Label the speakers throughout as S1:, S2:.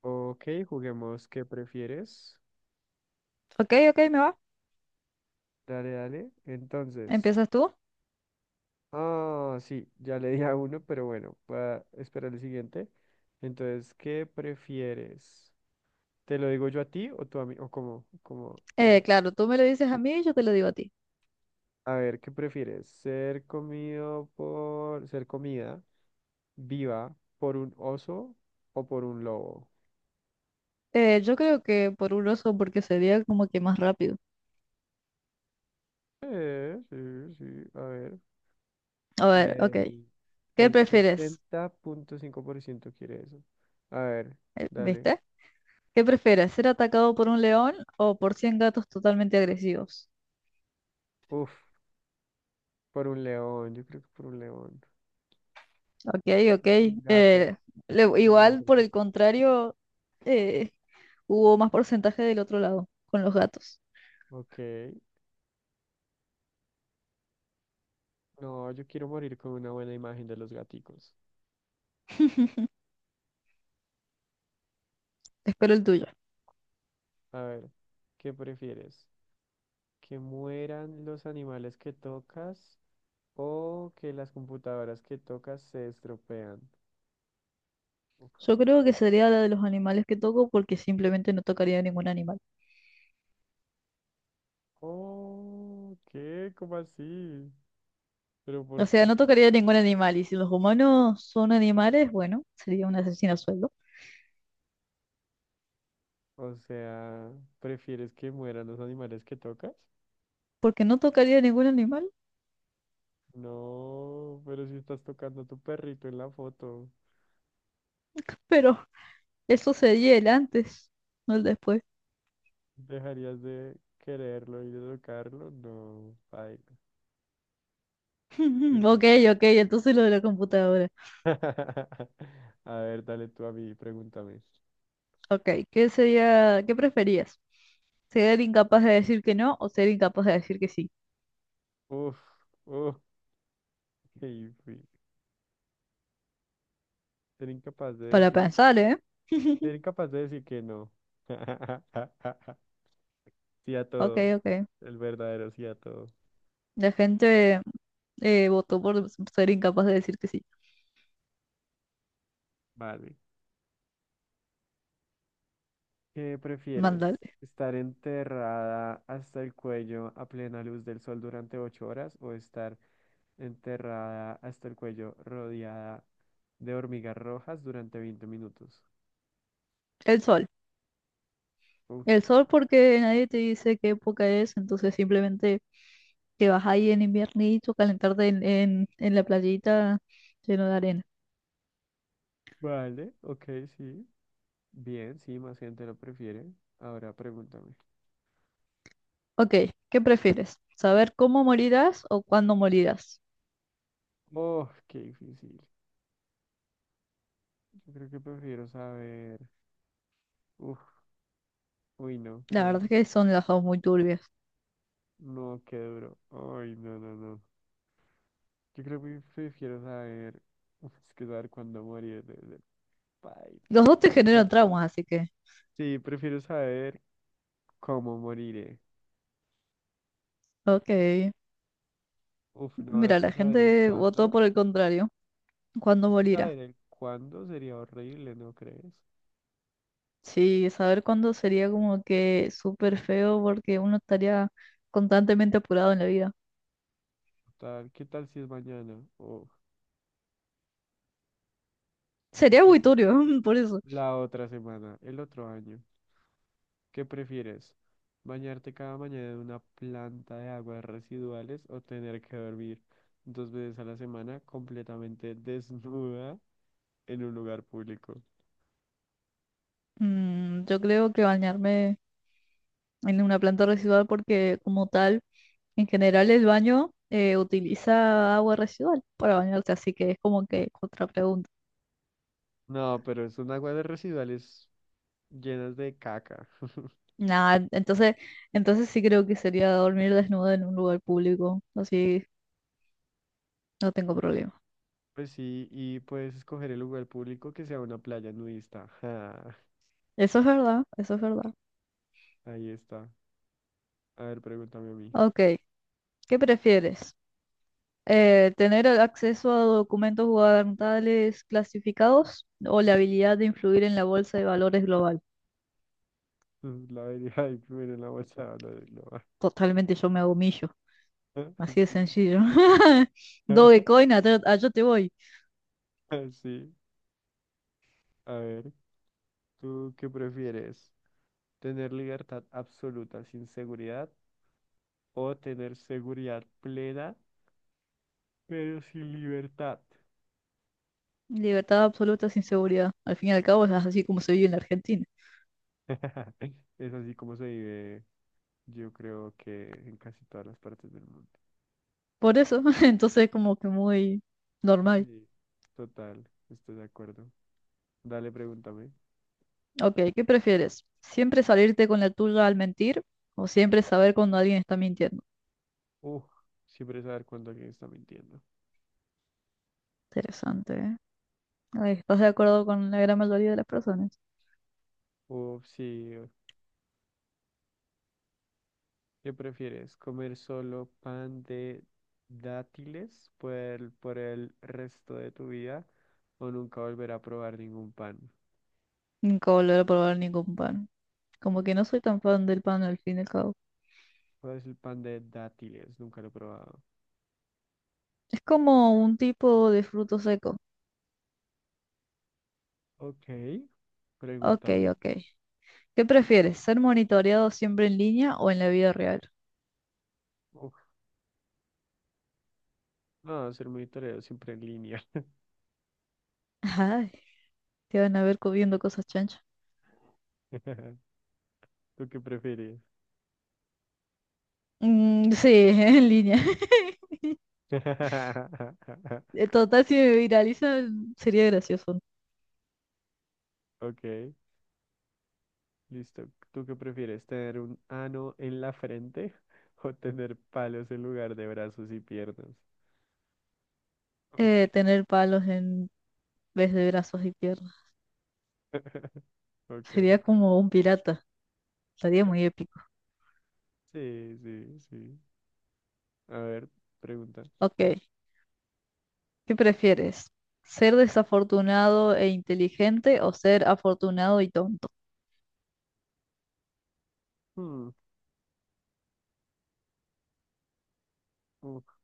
S1: Ok, juguemos. ¿Qué prefieres?
S2: Ok, ok, me va.
S1: Dale, dale. Entonces.
S2: Empiezas tú.
S1: Ah, sí, ya le di a uno, pero bueno, voy a esperar el siguiente. Entonces, ¿qué prefieres? ¿Te lo digo yo a ti o tú a mí? ¿O cómo? ¿Cómo? ¿Cómo?
S2: Claro, tú me lo dices a mí y yo te lo digo a ti.
S1: A ver, ¿qué prefieres? ¿Ser comido por... ser comida viva por un oso o por un lobo?
S2: Yo creo que por un oso porque sería como que más rápido.
S1: Sí, sí, a ver.
S2: A ver, ok.
S1: El,
S2: ¿Qué
S1: el
S2: prefieres?
S1: 60,5% quiere eso. A ver, dale.
S2: ¿Viste? ¿Qué prefieres? ¿Ser atacado por un león o por 100 gatos totalmente agresivos?
S1: Uf, por un león, yo creo que por un león.
S2: Ok, ok.
S1: Sin gatos.
S2: Eh,
S1: Siento que me van a
S2: Igual,
S1: hacer
S2: por el
S1: sufrir.
S2: contrario, eh, hubo más porcentaje del otro lado con los gatos.
S1: Ok. No, yo quiero morir con una buena imagen de los gaticos.
S2: Espero el tuyo.
S1: A ver, ¿qué prefieres? ¿Que mueran los animales que tocas o que las computadoras que tocas se estropean? Uf.
S2: Yo creo que sería la de los animales que toco porque simplemente no tocaría ningún animal.
S1: Oh, ¿qué? ¿Cómo así? ¿Pero
S2: O
S1: por
S2: sea,
S1: qué?
S2: no tocaría ningún animal. Y si los humanos son animales, bueno, sería un asesino a sueldo.
S1: O sea, ¿prefieres que mueran los animales que tocas?
S2: Porque no tocaría ningún animal.
S1: No, pero si estás tocando a tu perrito en la foto,
S2: Pero eso sería el antes, no el después.
S1: ¿dejarías de quererlo y de tocarlo? No, ay, pues no.
S2: Ok, ok, entonces lo de la computadora.
S1: A ver, dale tú a mí, pregúntame.
S2: Ok, ¿qué sería, qué preferías? ¿Ser incapaz de decir que no o ser incapaz de decir que sí?
S1: Uf, uf, qué difícil. Ser incapaz de
S2: Para
S1: decir,
S2: pensar, ¿eh?
S1: Ser incapaz de decir que no. Sí a
S2: Ok,
S1: todo,
S2: ok.
S1: el verdadero sí a todo.
S2: La gente votó por ser incapaz de decir que sí.
S1: Vale. ¿Qué prefieres?
S2: Mandale.
S1: ¿Estar enterrada hasta el cuello a plena luz del sol durante 8 horas o estar enterrada hasta el cuello rodeada de hormigas rojas durante 20 minutos?
S2: El sol.
S1: Uf,
S2: El sol porque nadie te dice qué época es, entonces simplemente te vas ahí en inviernito, calentarte en la playita lleno de arena.
S1: vale, ok, sí. Bien, sí, más gente lo prefiere. Ahora pregúntame.
S2: Ok, ¿qué prefieres? ¿Saber cómo morirás o cuándo morirás?
S1: Oh, qué difícil. Yo creo que prefiero saber. Uf, uy, no, qué
S2: La verdad es
S1: duro.
S2: que son las dos muy turbias.
S1: No, qué duro. Ay, no, no, no. Yo creo que prefiero saber. Uf, es que saber cuándo morir.
S2: Los
S1: Paila.
S2: dos te generan
S1: No,
S2: traumas, así que...
S1: sí, prefiero saber cómo moriré.
S2: Ok,
S1: Uf, no,
S2: mira,
S1: es que
S2: la
S1: saber el
S2: gente votó
S1: cuándo,
S2: por el contrario. ¿Cuándo
S1: Es que
S2: morirá?
S1: saber el cuándo sería horrible, ¿no crees?
S2: Sí, saber cuándo sería como que súper feo porque uno estaría constantemente apurado en la vida.
S1: Tal, ¿qué tal si es mañana? ¿O qué
S2: Sería
S1: tal
S2: muy
S1: si
S2: turbio, por eso.
S1: la otra semana, el otro año? ¿Qué prefieres? ¿Bañarte cada mañana en una planta de aguas residuales o tener que dormir 2 veces a la semana completamente desnuda en un lugar público?
S2: Yo creo que bañarme en una planta residual porque como tal, en general el baño utiliza agua residual para bañarse, así que es como que otra pregunta.
S1: No, pero son aguas de residuales llenas de caca.
S2: Nada, entonces sí creo que sería dormir desnudo en un lugar público, así no tengo problema.
S1: Pues sí, y puedes escoger el lugar público que sea una playa nudista. Ja,
S2: Eso es verdad, eso es verdad.
S1: ahí está. A ver, pregúntame a mí.
S2: Ok, ¿qué prefieres? ¿Tener el acceso a documentos gubernamentales clasificados o la habilidad de influir en la bolsa de valores global?
S1: La vería ahí primero en la bolsa.
S2: Totalmente yo me hago millo. Así de
S1: Sí.
S2: sencillo. Dogecoin, allá, allá te voy.
S1: Sí. A ver, ¿tú qué prefieres? ¿Tener libertad absoluta sin seguridad o tener seguridad plena pero sin libertad?
S2: Libertad absoluta sin seguridad. Al fin y al cabo es así como se vive en la Argentina.
S1: Es así como se vive, yo creo que en casi todas las partes del mundo.
S2: Por eso, entonces es como que muy normal.
S1: Sí. Total, estoy de acuerdo. Dale, pregúntame.
S2: Ok, ¿qué prefieres? ¿Siempre salirte con la tuya al mentir o siempre saber cuando alguien está mintiendo?
S1: Uf, siempre saber cuándo alguien está mintiendo.
S2: Interesante, ¿eh? Ay, ¿estás de acuerdo con la gran mayoría de las personas?
S1: Uf, sí. ¿Qué prefieres? ¿Comer solo pan de por el resto de tu vida o nunca volver a probar ningún pan?
S2: Nunca volveré a probar ningún pan. Como que no soy tan fan del pan al fin y al cabo.
S1: ¿Cuál es el pan de dátiles? Nunca lo he probado.
S2: Es como un tipo de fruto seco.
S1: Ok,
S2: Ok,
S1: pregúntame.
S2: ok. ¿Qué prefieres? ¿Ser monitoreado siempre en línea o en la vida real?
S1: Uf, no, ser monitoreo siempre en línea.
S2: Ay, te van a ver comiendo cosas chanchas.
S1: ¿Tú qué prefieres?
S2: Mm, sí, en línea. Total, si me viralizan, sería gracioso, ¿no?
S1: Ok. Listo. ¿Tú qué prefieres, tener un ano en la frente o tener palos en lugar de brazos y piernas? Ush.
S2: Tener palos en vez de brazos y piernas.
S1: Ok.
S2: Sería como un pirata. Sería muy épico.
S1: Sí, sí, sí. A ver, pregunta.
S2: Ok, ¿qué prefieres? ¿Ser desafortunado e inteligente o ser afortunado y tonto?
S1: Hmm, uf,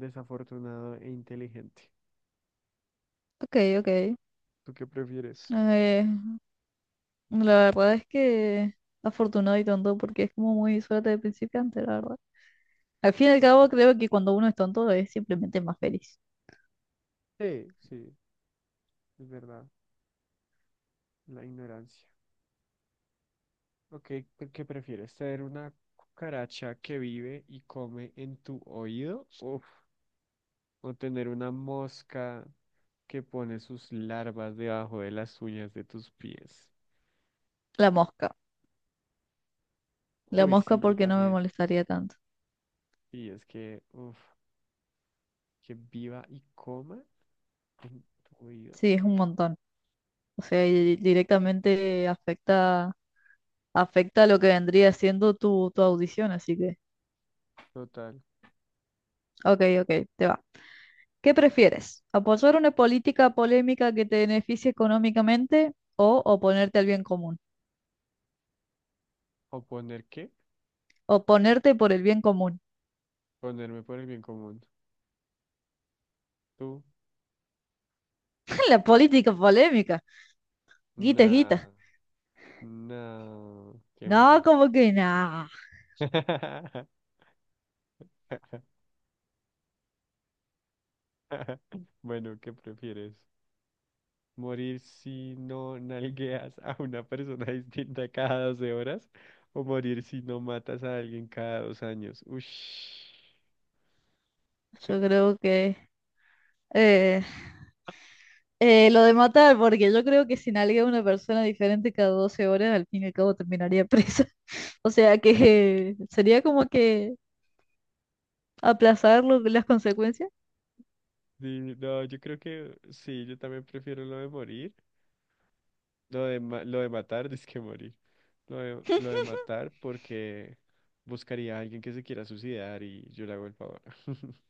S1: desafortunado e inteligente.
S2: Ok, ok.
S1: ¿Tú qué prefieres?
S2: Eh, la verdad es que afortunado y tonto porque es como muy suerte de principiante, la verdad. Al fin y al cabo,
S1: Ok.
S2: creo que cuando uno es tonto es simplemente más feliz.
S1: Sí, sí, es verdad. La ignorancia. Ok, ¿qué prefieres? ¿Tener una cucaracha que vive y come en tu oído? Uf, o tener una mosca que pone sus larvas debajo de las uñas de tus pies.
S2: La mosca. La
S1: Uy,
S2: mosca
S1: sí, yo
S2: porque no me
S1: también.
S2: molestaría tanto.
S1: Y es que, uff, que viva y coma en tu vida.
S2: Sí, es un montón. O sea, y directamente afecta, lo que vendría siendo tu audición, así que,
S1: Total.
S2: ok, ok, te va. ¿Qué prefieres? ¿Apoyar una política polémica que te beneficie económicamente o oponerte al bien común?
S1: ¿O poner qué?
S2: Oponerte por el bien común.
S1: Ponerme por el bien común. Tú,
S2: La política polémica. Guita, es
S1: nah,
S2: guita.
S1: no, qué
S2: No,
S1: mal.
S2: como que nada.
S1: Bueno, ¿qué prefieres? ¿Morir si no nalgueas a una persona distinta cada 12 horas? ¿O morir si no matas a alguien cada 2 años? Ush.
S2: Yo creo que Eh, lo de matar, porque yo creo que si nalguea a una persona diferente cada 12 horas, al fin y al cabo terminaría presa. O sea que sería como que aplazar las consecuencias.
S1: Sí, no, yo creo que sí, yo también prefiero lo de morir, lo de matar, es que morir, lo de matar porque buscaría a alguien que se quiera suicidar y yo le hago el favor.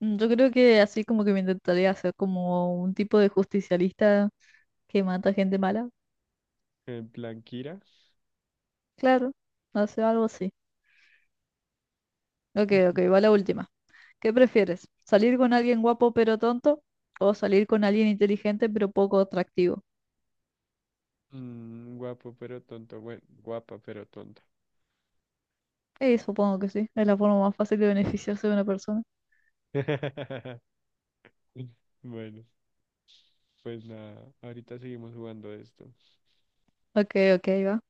S2: Yo creo que así como que me intentaría hacer como un tipo de justicialista que mata gente mala.
S1: En plan, Kira,
S2: Claro, no sé, algo así. Ok, ok, va la última. ¿Qué prefieres? ¿Salir con alguien guapo pero tonto? ¿O salir con alguien inteligente pero poco atractivo?
S1: mm, guapo pero tonto, bueno, guapa pero tonta.
S2: Supongo que sí. Es la forma más fácil de beneficiarse de una persona.
S1: Bueno, pues nada, ahorita seguimos jugando esto.
S2: Ok, ok, va.